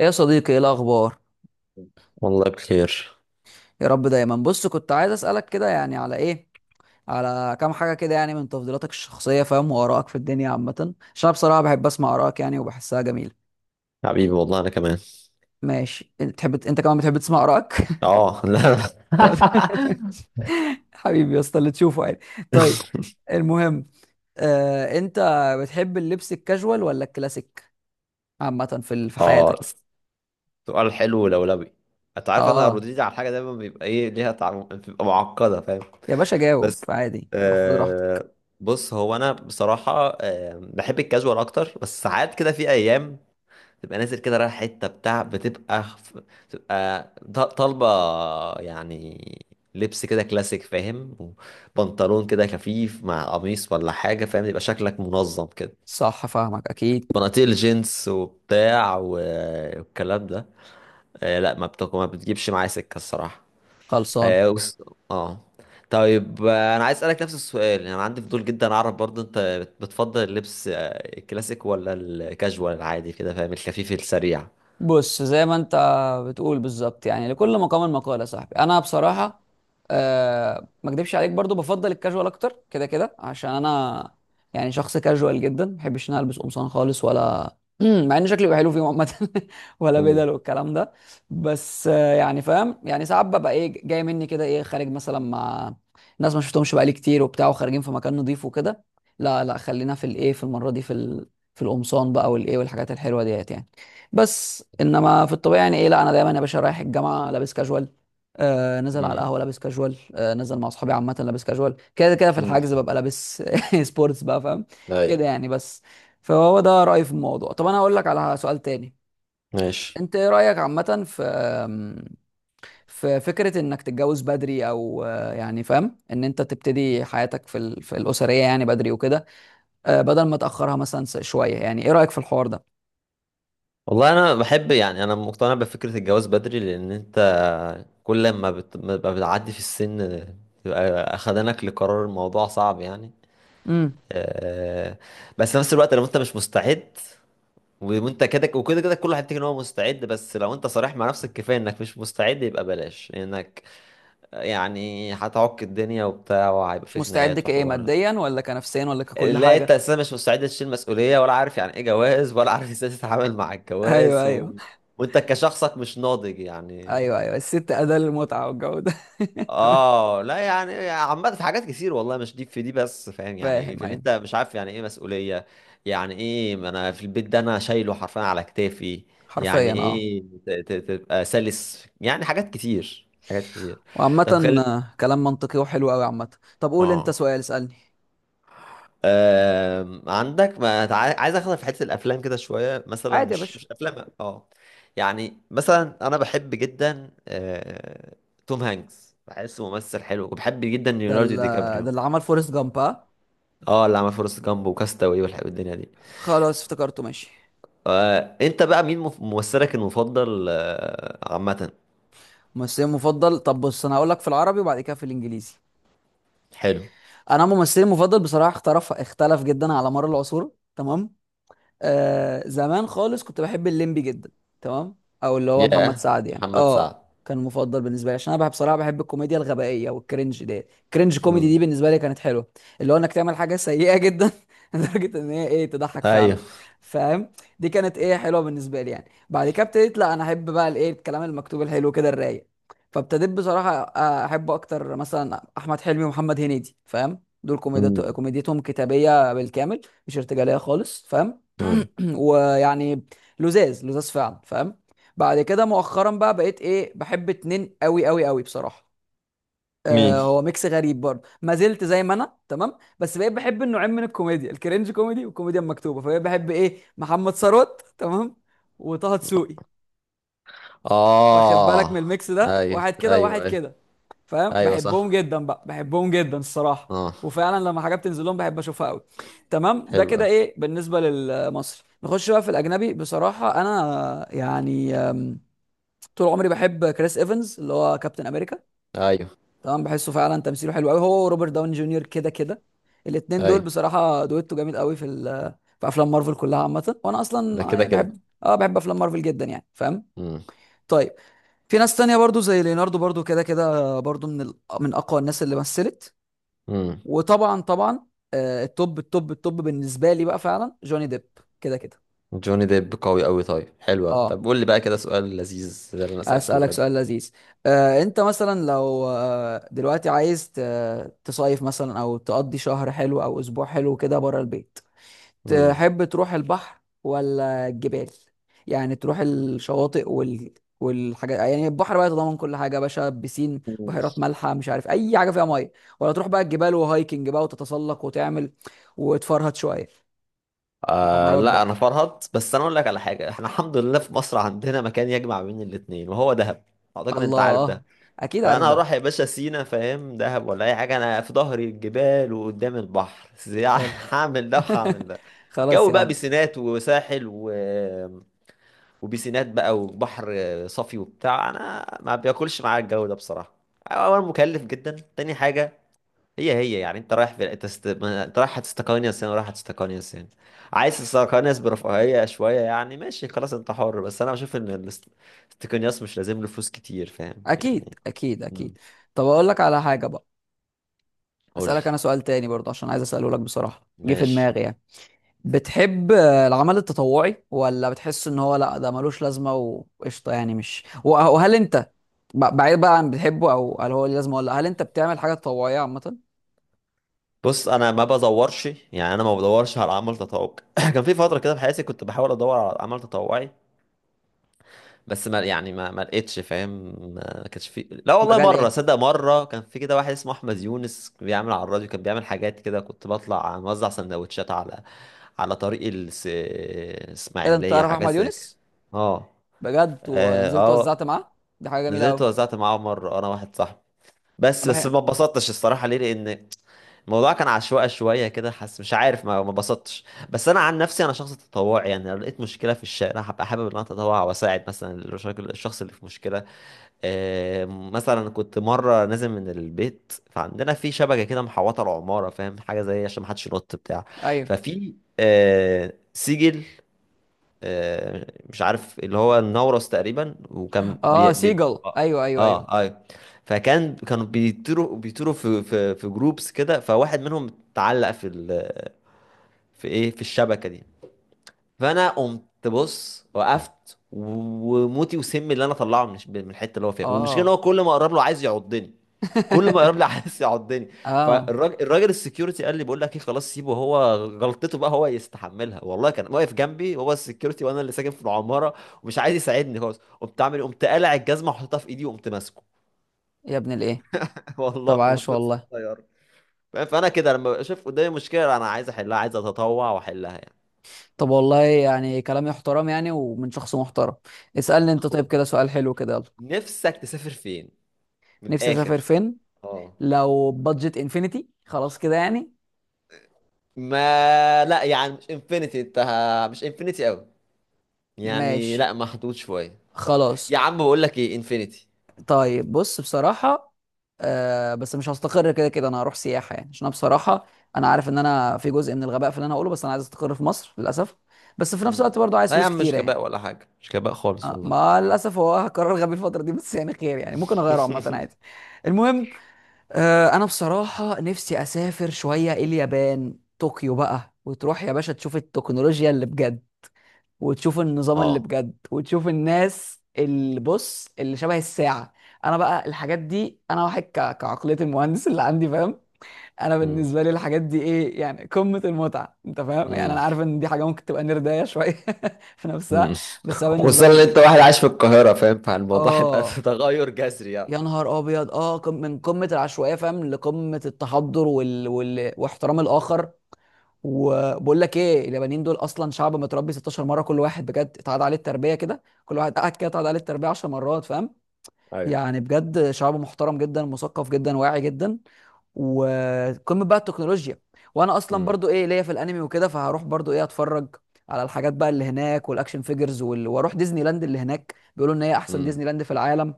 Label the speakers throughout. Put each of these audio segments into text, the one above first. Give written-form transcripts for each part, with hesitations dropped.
Speaker 1: ايه يا صديقي، ايه الاخبار؟
Speaker 2: والله بخير.
Speaker 1: يا رب دايما. بص، كنت عايز اسالك كده يعني على ايه، على كام حاجه كده يعني من تفضيلاتك الشخصيه، فاهم؟ وارائك في الدنيا عامه، عشان انا بصراحه بحب اسمع ارائك يعني وبحسها جميله.
Speaker 2: حبيبي، والله انا كمان.
Speaker 1: ماشي، انت بتحب، انت كمان بتحب تسمع ارائك.
Speaker 2: اه، لا.
Speaker 1: طب- حبيبي يا اسطى، اللي تشوفه عادي. طيب. المهم، انت بتحب اللبس الكاجوال ولا الكلاسيك، عامه في
Speaker 2: اه،
Speaker 1: حياتك؟
Speaker 2: سؤال حلو لولبي. انت عارف، انا
Speaker 1: اه،
Speaker 2: ردودي على الحاجه دايما بيبقى ايه، ليها بتبقى معقده، فاهم؟
Speaker 1: يا باشا جاوب
Speaker 2: بس
Speaker 1: عادي، روح خد راحتك.
Speaker 2: آه بص، هو انا بصراحه بحب الكاجوال اكتر، بس ساعات كده في ايام تبقى نازل كده، رايح حتة بتاع، بتبقى طالبة، يعني لبس كده كلاسيك، فاهم؟ وبنطلون كده خفيف مع قميص ولا حاجة، فاهم؟ يبقى شكلك منظم كده.
Speaker 1: صح فاهمك اكيد.
Speaker 2: بناطيل جينز وبتاع والكلام ده. لا، ما بتجيبش معايا سكة الصراحة.
Speaker 1: خلصان.
Speaker 2: اه، آه. طيب، انا عايز اسالك نفس السؤال، يعني انا عندي فضول جدا اعرف برضو، انت بتفضل اللبس الكلاسيك ولا الكاجوال العادي كده، فاهم؟ الخفيف السريع.
Speaker 1: بص، زي ما انت بتقول بالظبط، يعني لكل مقام مقال يا صاحبي. انا بصراحه، ما اكدبش عليك، برضو بفضل الكاجوال اكتر، كده كده عشان انا يعني شخص كاجوال جدا، ما بحبش ان أنا البس قمصان خالص ولا مع ان شكلي بيبقى حلو فيه عامه. ولا
Speaker 2: مم.
Speaker 1: بدل والكلام ده، بس يعني فاهم؟ يعني ساعات ببقى ايه، جاي مني كده، ايه، خارج مثلا مع ناس ما شفتهمش بقالي كتير وبتاع وخارجين في مكان نضيف وكده. لا لا، خلينا في الايه، في المره دي، في القمصان بقى والايه والحاجات الحلوه ديت يعني. بس انما في الطبيعي، يعني ايه، لا، انا دايما يا باشا رايح الجامعه لابس كاجوال، نزل على
Speaker 2: مم.
Speaker 1: القهوه لابس كاجوال، نزل مع اصحابي عامه لابس كاجوال، كده كده في
Speaker 2: مم.
Speaker 1: الحجز ببقى لابس سبورتس بقى فاهم، كده
Speaker 2: ايوه.
Speaker 1: يعني. بس فهو ده رايي في الموضوع. طب انا هقول لك على سؤال تاني،
Speaker 2: ماشي.
Speaker 1: انت ايه رايك عامه في في فكره انك تتجوز بدري، او يعني فاهم ان انت تبتدي حياتك في الاسريه يعني بدري وكده، بدل ما تاخرها مثلا شويه، يعني ايه رايك في الحوار
Speaker 2: والله انا بحب، يعني انا مقتنع بفكره الجواز بدري، لان انت كل ما بتبقى بتعدي في السن، تبقى اخدانك لقرار الموضوع صعب يعني.
Speaker 1: ده؟
Speaker 2: آه، بس في نفس الوقت لو انت مش مستعد، وانت كده وكده كده، كل واحد يفتكر ان هو مستعد، بس لو انت صريح مع نفسك كفايه انك مش مستعد يبقى بلاش انك، يعني هتعك الدنيا وبتاع، وهيبقى
Speaker 1: مش
Speaker 2: في
Speaker 1: مستعد
Speaker 2: خناقات
Speaker 1: كايه،
Speaker 2: وحوار.
Speaker 1: ماديا ولا كنفسيا ولا ككل
Speaker 2: لا، انت
Speaker 1: حاجه؟
Speaker 2: اساسا مش مستعد تشيل مسؤوليه، ولا عارف يعني ايه جواز، ولا عارف ازاي تتعامل مع
Speaker 1: ايوه،
Speaker 2: الجواز.
Speaker 1: ايوه،
Speaker 2: وانت كشخصك مش ناضج يعني.
Speaker 1: ايوه، ايوه، الست اداه للمتعه والجو ده. تمام.
Speaker 2: اه، لا يعني عامه في حاجات كتير، والله مش دي في دي بس، فاهم؟ يعني
Speaker 1: فاهم.
Speaker 2: في اللي
Speaker 1: ايوه.
Speaker 2: انت مش عارف يعني ايه مسؤوليه. يعني ايه؟ ما انا في البيت ده، انا شايله حرفيا على كتافي. يعني
Speaker 1: حرفيا اه.
Speaker 2: ايه تبقى سلس، يعني حاجات كتير حاجات كتير.
Speaker 1: وعامة،
Speaker 2: طب، خلي
Speaker 1: كلام منطقي وحلو قوي عامة. طب قول انت
Speaker 2: اه
Speaker 1: سؤال، اسألني.
Speaker 2: آم، عندك، ما عايز اخد في حته الافلام كده شويه، مثلا
Speaker 1: عادي يا
Speaker 2: مش
Speaker 1: باشا.
Speaker 2: افلام، اه. يعني مثلا انا بحب جدا توم هانكس، بحسه ممثل حلو، وبحب جدا
Speaker 1: ده
Speaker 2: ليوناردو
Speaker 1: ال-
Speaker 2: دي
Speaker 1: ده
Speaker 2: كابريو.
Speaker 1: اللي عمل فورست جامب ها؟
Speaker 2: اه، اللي عمل فورست جامب وكاستاوي والدنيا دي.
Speaker 1: خلاص افتكرته، ماشي.
Speaker 2: انت بقى مين ممثلك المفضل عامه؟
Speaker 1: ممثلي مفضل؟ طب بص، انا هقول لك في العربي وبعد كده في الانجليزي.
Speaker 2: حلو.
Speaker 1: انا ممثلي مفضل بصراحة اختلف جدا على مر العصور، تمام. زمان خالص كنت بحب الليمبي جدا، تمام، او اللي هو محمد
Speaker 2: يا
Speaker 1: سعد يعني،
Speaker 2: محمد
Speaker 1: اه.
Speaker 2: سعد.
Speaker 1: كان مفضل بالنسبه لي عشان انا بحب بصراحه، بحب الكوميديا الغبائيه والكرنج دي، كرنج كوميدي
Speaker 2: امم.
Speaker 1: دي بالنسبه لي كانت حلوه، اللي هو انك تعمل حاجه سيئه جدا لدرجه ان هي ايه تضحك
Speaker 2: ايوه.
Speaker 1: فعلا، فاهم. دي كانت ايه حلوه بالنسبه لي يعني. بعد كده ابتديت، لا، انا احب بقى الايه الكلام المكتوب الحلو كده الرايق. فابتديت بصراحه احب اكتر مثلا احمد حلمي ومحمد هنيدي، فاهم، دول
Speaker 2: امم.
Speaker 1: كوميديتهم كتابيه بالكامل، مش ارتجاليه خالص، فاهم.
Speaker 2: امم.
Speaker 1: ويعني لزاز لزاز فعلا، فاهم. بعد كده مؤخرا بقى بقيت ايه، بحب اتنين قوي قوي قوي بصراحه،
Speaker 2: مين؟
Speaker 1: هو ميكس غريب برضه. ما زلت زي ما انا تمام، بس بقيت بحب النوعين من الكوميديا، الكرنج كوميدي والكوميديا المكتوبه، فبقيت بحب ايه محمد ثروت، تمام، وطه دسوقي. واخد بالك من
Speaker 2: اه.
Speaker 1: الميكس ده،
Speaker 2: ايوه،
Speaker 1: واحد كده وواحد
Speaker 2: ايوه، ايوه،
Speaker 1: كده، فاهم،
Speaker 2: أيوة. صح.
Speaker 1: بحبهم جدا بقى، بحبهم جدا الصراحه.
Speaker 2: اه.
Speaker 1: وفعلا لما حاجات بتنزل لهم بحب اشوفها قوي، تمام. ده
Speaker 2: حلو
Speaker 1: كده
Speaker 2: أوي.
Speaker 1: ايه بالنسبه للمصري. نخش بقى في الاجنبي، بصراحه انا يعني طول عمري بحب كريس ايفنز اللي هو كابتن امريكا،
Speaker 2: أيوه،
Speaker 1: تمام. بحسه فعلا تمثيله حلو قوي، هو وروبرت داون جونيور كده كده، الاتنين دول
Speaker 2: أيوه.
Speaker 1: بصراحه دويتو جامد قوي في افلام مارفل كلها عامه، وانا
Speaker 2: ده
Speaker 1: اصلا
Speaker 2: كده
Speaker 1: يعني
Speaker 2: كده.
Speaker 1: بحب، اه، بحب افلام مارفل جدا يعني، فاهم.
Speaker 2: مم.
Speaker 1: طيب، في ناس تانية برضو زي ليوناردو برضو كده كده، برضو من اقوى الناس اللي مثلت،
Speaker 2: مم.
Speaker 1: وطبعا طبعا التوب التوب التوب بالنسبه لي بقى فعلا جوني ديب، كده كده.
Speaker 2: جوني ديب قوي أوي، طيب. حلو أوي.
Speaker 1: اه،
Speaker 2: طب قول لي بقى كده سؤال لذيذ زي اللي أنا سألته
Speaker 1: اسالك
Speaker 2: لك.
Speaker 1: سؤال لذيذ، انت مثلا لو دلوقتي عايز تصيف مثلا او تقضي شهر حلو او اسبوع حلو كده بره البيت،
Speaker 2: مم.
Speaker 1: تحب تروح البحر ولا الجبال؟ يعني تروح الشواطئ وال والحاجات، يعني البحر بقى يتضمن كل حاجه يا باشا، بسين،
Speaker 2: مم.
Speaker 1: بحيرات مالحه، مش عارف اي حاجه فيها ميه، ولا تروح بقى الجبال وهايكنج بقى وتتسلق وتعمل وتفرهد شويه مغامرات
Speaker 2: لا،
Speaker 1: بقى.
Speaker 2: أنا فرهط بس، أنا أقول لك على حاجة، إحنا الحمد لله في مصر عندنا مكان يجمع بين الاتنين، وهو دهب. أعتقد إن أنت عارف
Speaker 1: الله،
Speaker 2: ده.
Speaker 1: اكيد عارف
Speaker 2: فأنا
Speaker 1: ده.
Speaker 2: هروح يا باشا سينا، فاهم؟ دهب ولا أي حاجة، أنا في ظهري الجبال وقدام البحر .
Speaker 1: حلو.
Speaker 2: هعمل ده وهعمل ده.
Speaker 1: خلاص
Speaker 2: الجو
Speaker 1: يا
Speaker 2: بقى
Speaker 1: عم.
Speaker 2: بسينات وساحل وبيسينات بقى، وبحر صافي وبتاع. انا ما بياكلش معايا الجو ده بصراحه. اولا مكلف جدا، تاني حاجه هي هي يعني، انت رايح في انت است... ما- انت رايح هتستقانيس هنا، ورايح هتستقانيس هنا. عايز تستقانيس برفاهيه شويه يعني، ماشي خلاص انت حر، بس انا بشوف ان الاستقانياس مش لازم له فلوس كتير، فاهم
Speaker 1: اكيد
Speaker 2: يعني.
Speaker 1: اكيد
Speaker 2: امم.
Speaker 1: اكيد. طب اقول لك على حاجه بقى،
Speaker 2: قول لي.
Speaker 1: اسالك انا سؤال تاني برضه عشان عايز اساله لك بصراحه، جه في
Speaker 2: ماشي.
Speaker 1: دماغي يعني. بتحب العمل التطوعي ولا بتحس ان هو لا ده ملوش لازمه وقشطه يعني، مش وهل انت بعيد بقى عن بتحبه، او هل هو ليه لازمه ولا لأ، هل انت بتعمل حاجه تطوعيه عامه؟
Speaker 2: بص، انا ما بدورش على عمل تطوعي. كان في فتره كده في حياتي كنت بحاول ادور على عمل تطوعي، بس ما يعني ما ما لقيتش، فاهم؟ ما كانش في، لا
Speaker 1: في
Speaker 2: والله،
Speaker 1: مجال
Speaker 2: مره
Speaker 1: ايه؟
Speaker 2: صدق، مره كان في كده واحد اسمه احمد يونس بيعمل على الراديو، كان بيعمل حاجات كده، كنت بطلع موزع سندوتشات على على طريق
Speaker 1: ايه ده، انت
Speaker 2: الاسماعيليه،
Speaker 1: تعرف
Speaker 2: وحاجات
Speaker 1: احمد
Speaker 2: زي كده.
Speaker 1: يونس؟
Speaker 2: اه.
Speaker 1: بجد،
Speaker 2: اه.
Speaker 1: ونزلت
Speaker 2: آه،
Speaker 1: وزعت معاه؟ دي حاجه جميله
Speaker 2: نزلت
Speaker 1: قوي.
Speaker 2: وزعت معاه مره انا واحد صاحبي. بس
Speaker 1: انا
Speaker 2: بس
Speaker 1: بحب.
Speaker 2: ما اتبسطتش الصراحه، ليه؟ لان الموضوع كان عشوائي شويه كده، حاسس، مش عارف، ما اتبسطتش. بس انا عن نفسي انا شخص تطوعي، يعني لو لقيت مشكله في الشارع هبقى حابب ان انا اتطوع واساعد، مثلا الشخص اللي في مشكله. مثلا كنت مرة نازل من البيت، فعندنا في شبكة كده محوطة العمارة، فاهم؟ حاجة زي عشان محدش ينط بتاع
Speaker 1: ايوه.
Speaker 2: ففي سجل، مش عارف، اللي هو النورس تقريبا، وكان
Speaker 1: اه
Speaker 2: بي... بي...
Speaker 1: سيجل،
Speaker 2: اه،
Speaker 1: ايوه ايوه ايوه.
Speaker 2: ايوه. كانوا بيطيروا في جروبس كده، فواحد منهم اتعلق في ال... في ايه في الشبكة دي. فانا قمت، بص، وقفت وموتي وسمي اللي انا طلعه من من الحته اللي هو فيها، والمشكله ان هو
Speaker 1: اه.
Speaker 2: كل ما اقرب له عايز يعضني، كل ما اقرب لي عايز يعضني.
Speaker 1: اه.
Speaker 2: فالراجل السكيورتي قال لي بقول لك ايه، خلاص سيبه هو غلطته بقى، هو يستحملها. والله كان واقف جنبي هو السكيورتي، وانا اللي ساكن في العماره، ومش عايز يساعدني خالص. قمت عامل إيه؟ قمت قالع الجزمه وحطيتها في ايدي وقمت ماسكه.
Speaker 1: يا ابن الايه.
Speaker 2: والله
Speaker 1: طب عاش
Speaker 2: قمت ماسك
Speaker 1: والله.
Speaker 2: الطياره. فاهم؟ فانا كده لما بشوف قدامي مشكله، انا عايز احلها، عايز اتطوع واحلها يعني.
Speaker 1: طب والله، يعني كلامي محترم يعني ومن شخص محترم. اسألني انت، طيب
Speaker 2: اخويا،
Speaker 1: كده سؤال حلو كده، يلا.
Speaker 2: نفسك تسافر فين، من
Speaker 1: نفسي اسافر
Speaker 2: الاخر؟
Speaker 1: فين؟
Speaker 2: اه،
Speaker 1: لو بادجت انفينيتي خلاص كده يعني؟
Speaker 2: ما لا يعني مش انفينيتي، انت مش انفينيتي قوي، يعني
Speaker 1: ماشي،
Speaker 2: لا محدود شويه.
Speaker 1: خلاص.
Speaker 2: يا عم بقول لك ايه، انفينيتي.
Speaker 1: طيب بص بصراحة، بس مش هستقر، كده كده انا هروح سياحة يعني، عشان أنا بصراحة انا عارف ان انا في جزء من الغباء في اللي انا هقوله، بس انا عايز استقر في مصر للاسف. بس في نفس
Speaker 2: مم.
Speaker 1: الوقت برضه عايز
Speaker 2: لا يا
Speaker 1: فلوس
Speaker 2: عم،
Speaker 1: كتيرة
Speaker 2: مش
Speaker 1: يعني.
Speaker 2: غباء ولا حاجه، مش غباء خالص والله.
Speaker 1: ما للاسف هو قرار غبي الفتره دي، بس يعني خير يعني ممكن اغيره عامه عادي. المهم، انا بصراحه نفسي اسافر شويه اليابان، طوكيو بقى، وتروح يا باشا تشوف التكنولوجيا اللي بجد، وتشوف النظام اللي
Speaker 2: اه.
Speaker 1: بجد، وتشوف الناس، اللي بص، اللي شبه الساعه. انا بقى الحاجات دي، انا واحد كعقليه المهندس اللي عندي، فاهم. انا
Speaker 2: مم.
Speaker 1: بالنسبه لي الحاجات دي ايه، يعني قمه المتعه، انت فاهم يعني.
Speaker 2: مم.
Speaker 1: انا عارف ان دي حاجه ممكن تبقى نردايه شويه في نفسها،
Speaker 2: مم.
Speaker 1: بس هو بالنسبه
Speaker 2: خصوصا
Speaker 1: لي
Speaker 2: ان انت واحد عايش في القاهره، فاهم؟ فالموضوع هيبقى
Speaker 1: اه
Speaker 2: تغير جذري يعني.
Speaker 1: يا نهار ابيض، اه، من قمه العشوائيه، فاهم، لقمه التحضر واحترام الاخر. وبقول لك ايه، اليابانيين دول اصلا شعب متربي 16 مره، كل واحد بجد اتعاد عليه التربيه كده، كل واحد قاعد كده اتعاد عليه التربيه 10 مرات، فاهم
Speaker 2: ايوه.
Speaker 1: يعني. بجد شعب محترم جدا، مثقف جدا، واعي جدا، وقمه بقى التكنولوجيا. وانا اصلا
Speaker 2: مم.
Speaker 1: برضو ايه ليا في الانمي وكده، فهروح برضو ايه اتفرج على الحاجات بقى اللي هناك والاكشن فيجرز واروح ديزني لاند اللي هناك، بيقولوا ان هي احسن
Speaker 2: مم.
Speaker 1: ديزني لاند في العالم.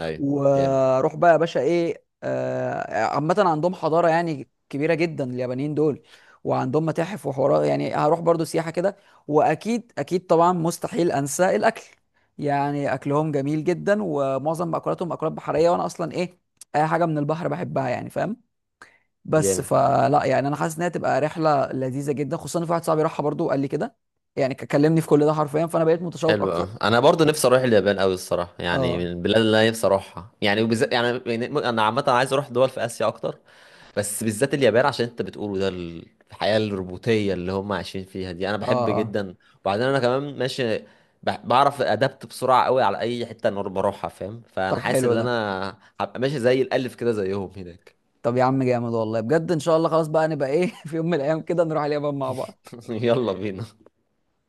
Speaker 2: ايوه. جامد.
Speaker 1: واروح بقى يا باشا ايه عامة عندهم حضارة يعني كبيرة جدا، اليابانيين دول. وعندهم متاحف وحوارات، يعني هروح برضو سياحة كده. واكيد اكيد طبعا مستحيل انسى الاكل، يعني اكلهم جميل جدا ومعظم مأكولاتهم مأكولات بحرية، وانا اصلا ايه اي حاجة من البحر بحبها يعني فاهم. بس
Speaker 2: جامد.
Speaker 1: فلا يعني، انا حاسس انها تبقى رحلة لذيذة جدا، خصوصا إن في واحد صاحبي راحها برضو وقال لي كده يعني، كلمني في كل ده حرفيا، فانا بقيت متشوق
Speaker 2: حلو
Speaker 1: اكتر.
Speaker 2: أوي. انا برضو نفسي اروح اليابان قوي الصراحه، يعني
Speaker 1: اه.
Speaker 2: من البلاد اللي انا نفسي اروحها، يعني وبالذات يعني انا عامه عايز اروح دول في اسيا اكتر، بس بالذات اليابان، عشان انت بتقوله ده. الحياه الروبوتيه اللي هم عايشين فيها دي انا
Speaker 1: اه.
Speaker 2: بحب
Speaker 1: اه.
Speaker 2: جدا. وبعدين انا كمان ماشي، بعرف ادابت بسرعه قوي على اي حته انا بروحها، فاهم؟ فانا
Speaker 1: طب
Speaker 2: حاسس
Speaker 1: حلو
Speaker 2: ان
Speaker 1: ده.
Speaker 2: انا هبقى ماشي زي الالف كده زيهم هناك.
Speaker 1: طب يا عم جامد والله، بجد ان شاء الله، خلاص بقى نبقى ايه في يوم من الايام كده نروح اليابان مع بعض.
Speaker 2: يلا بينا.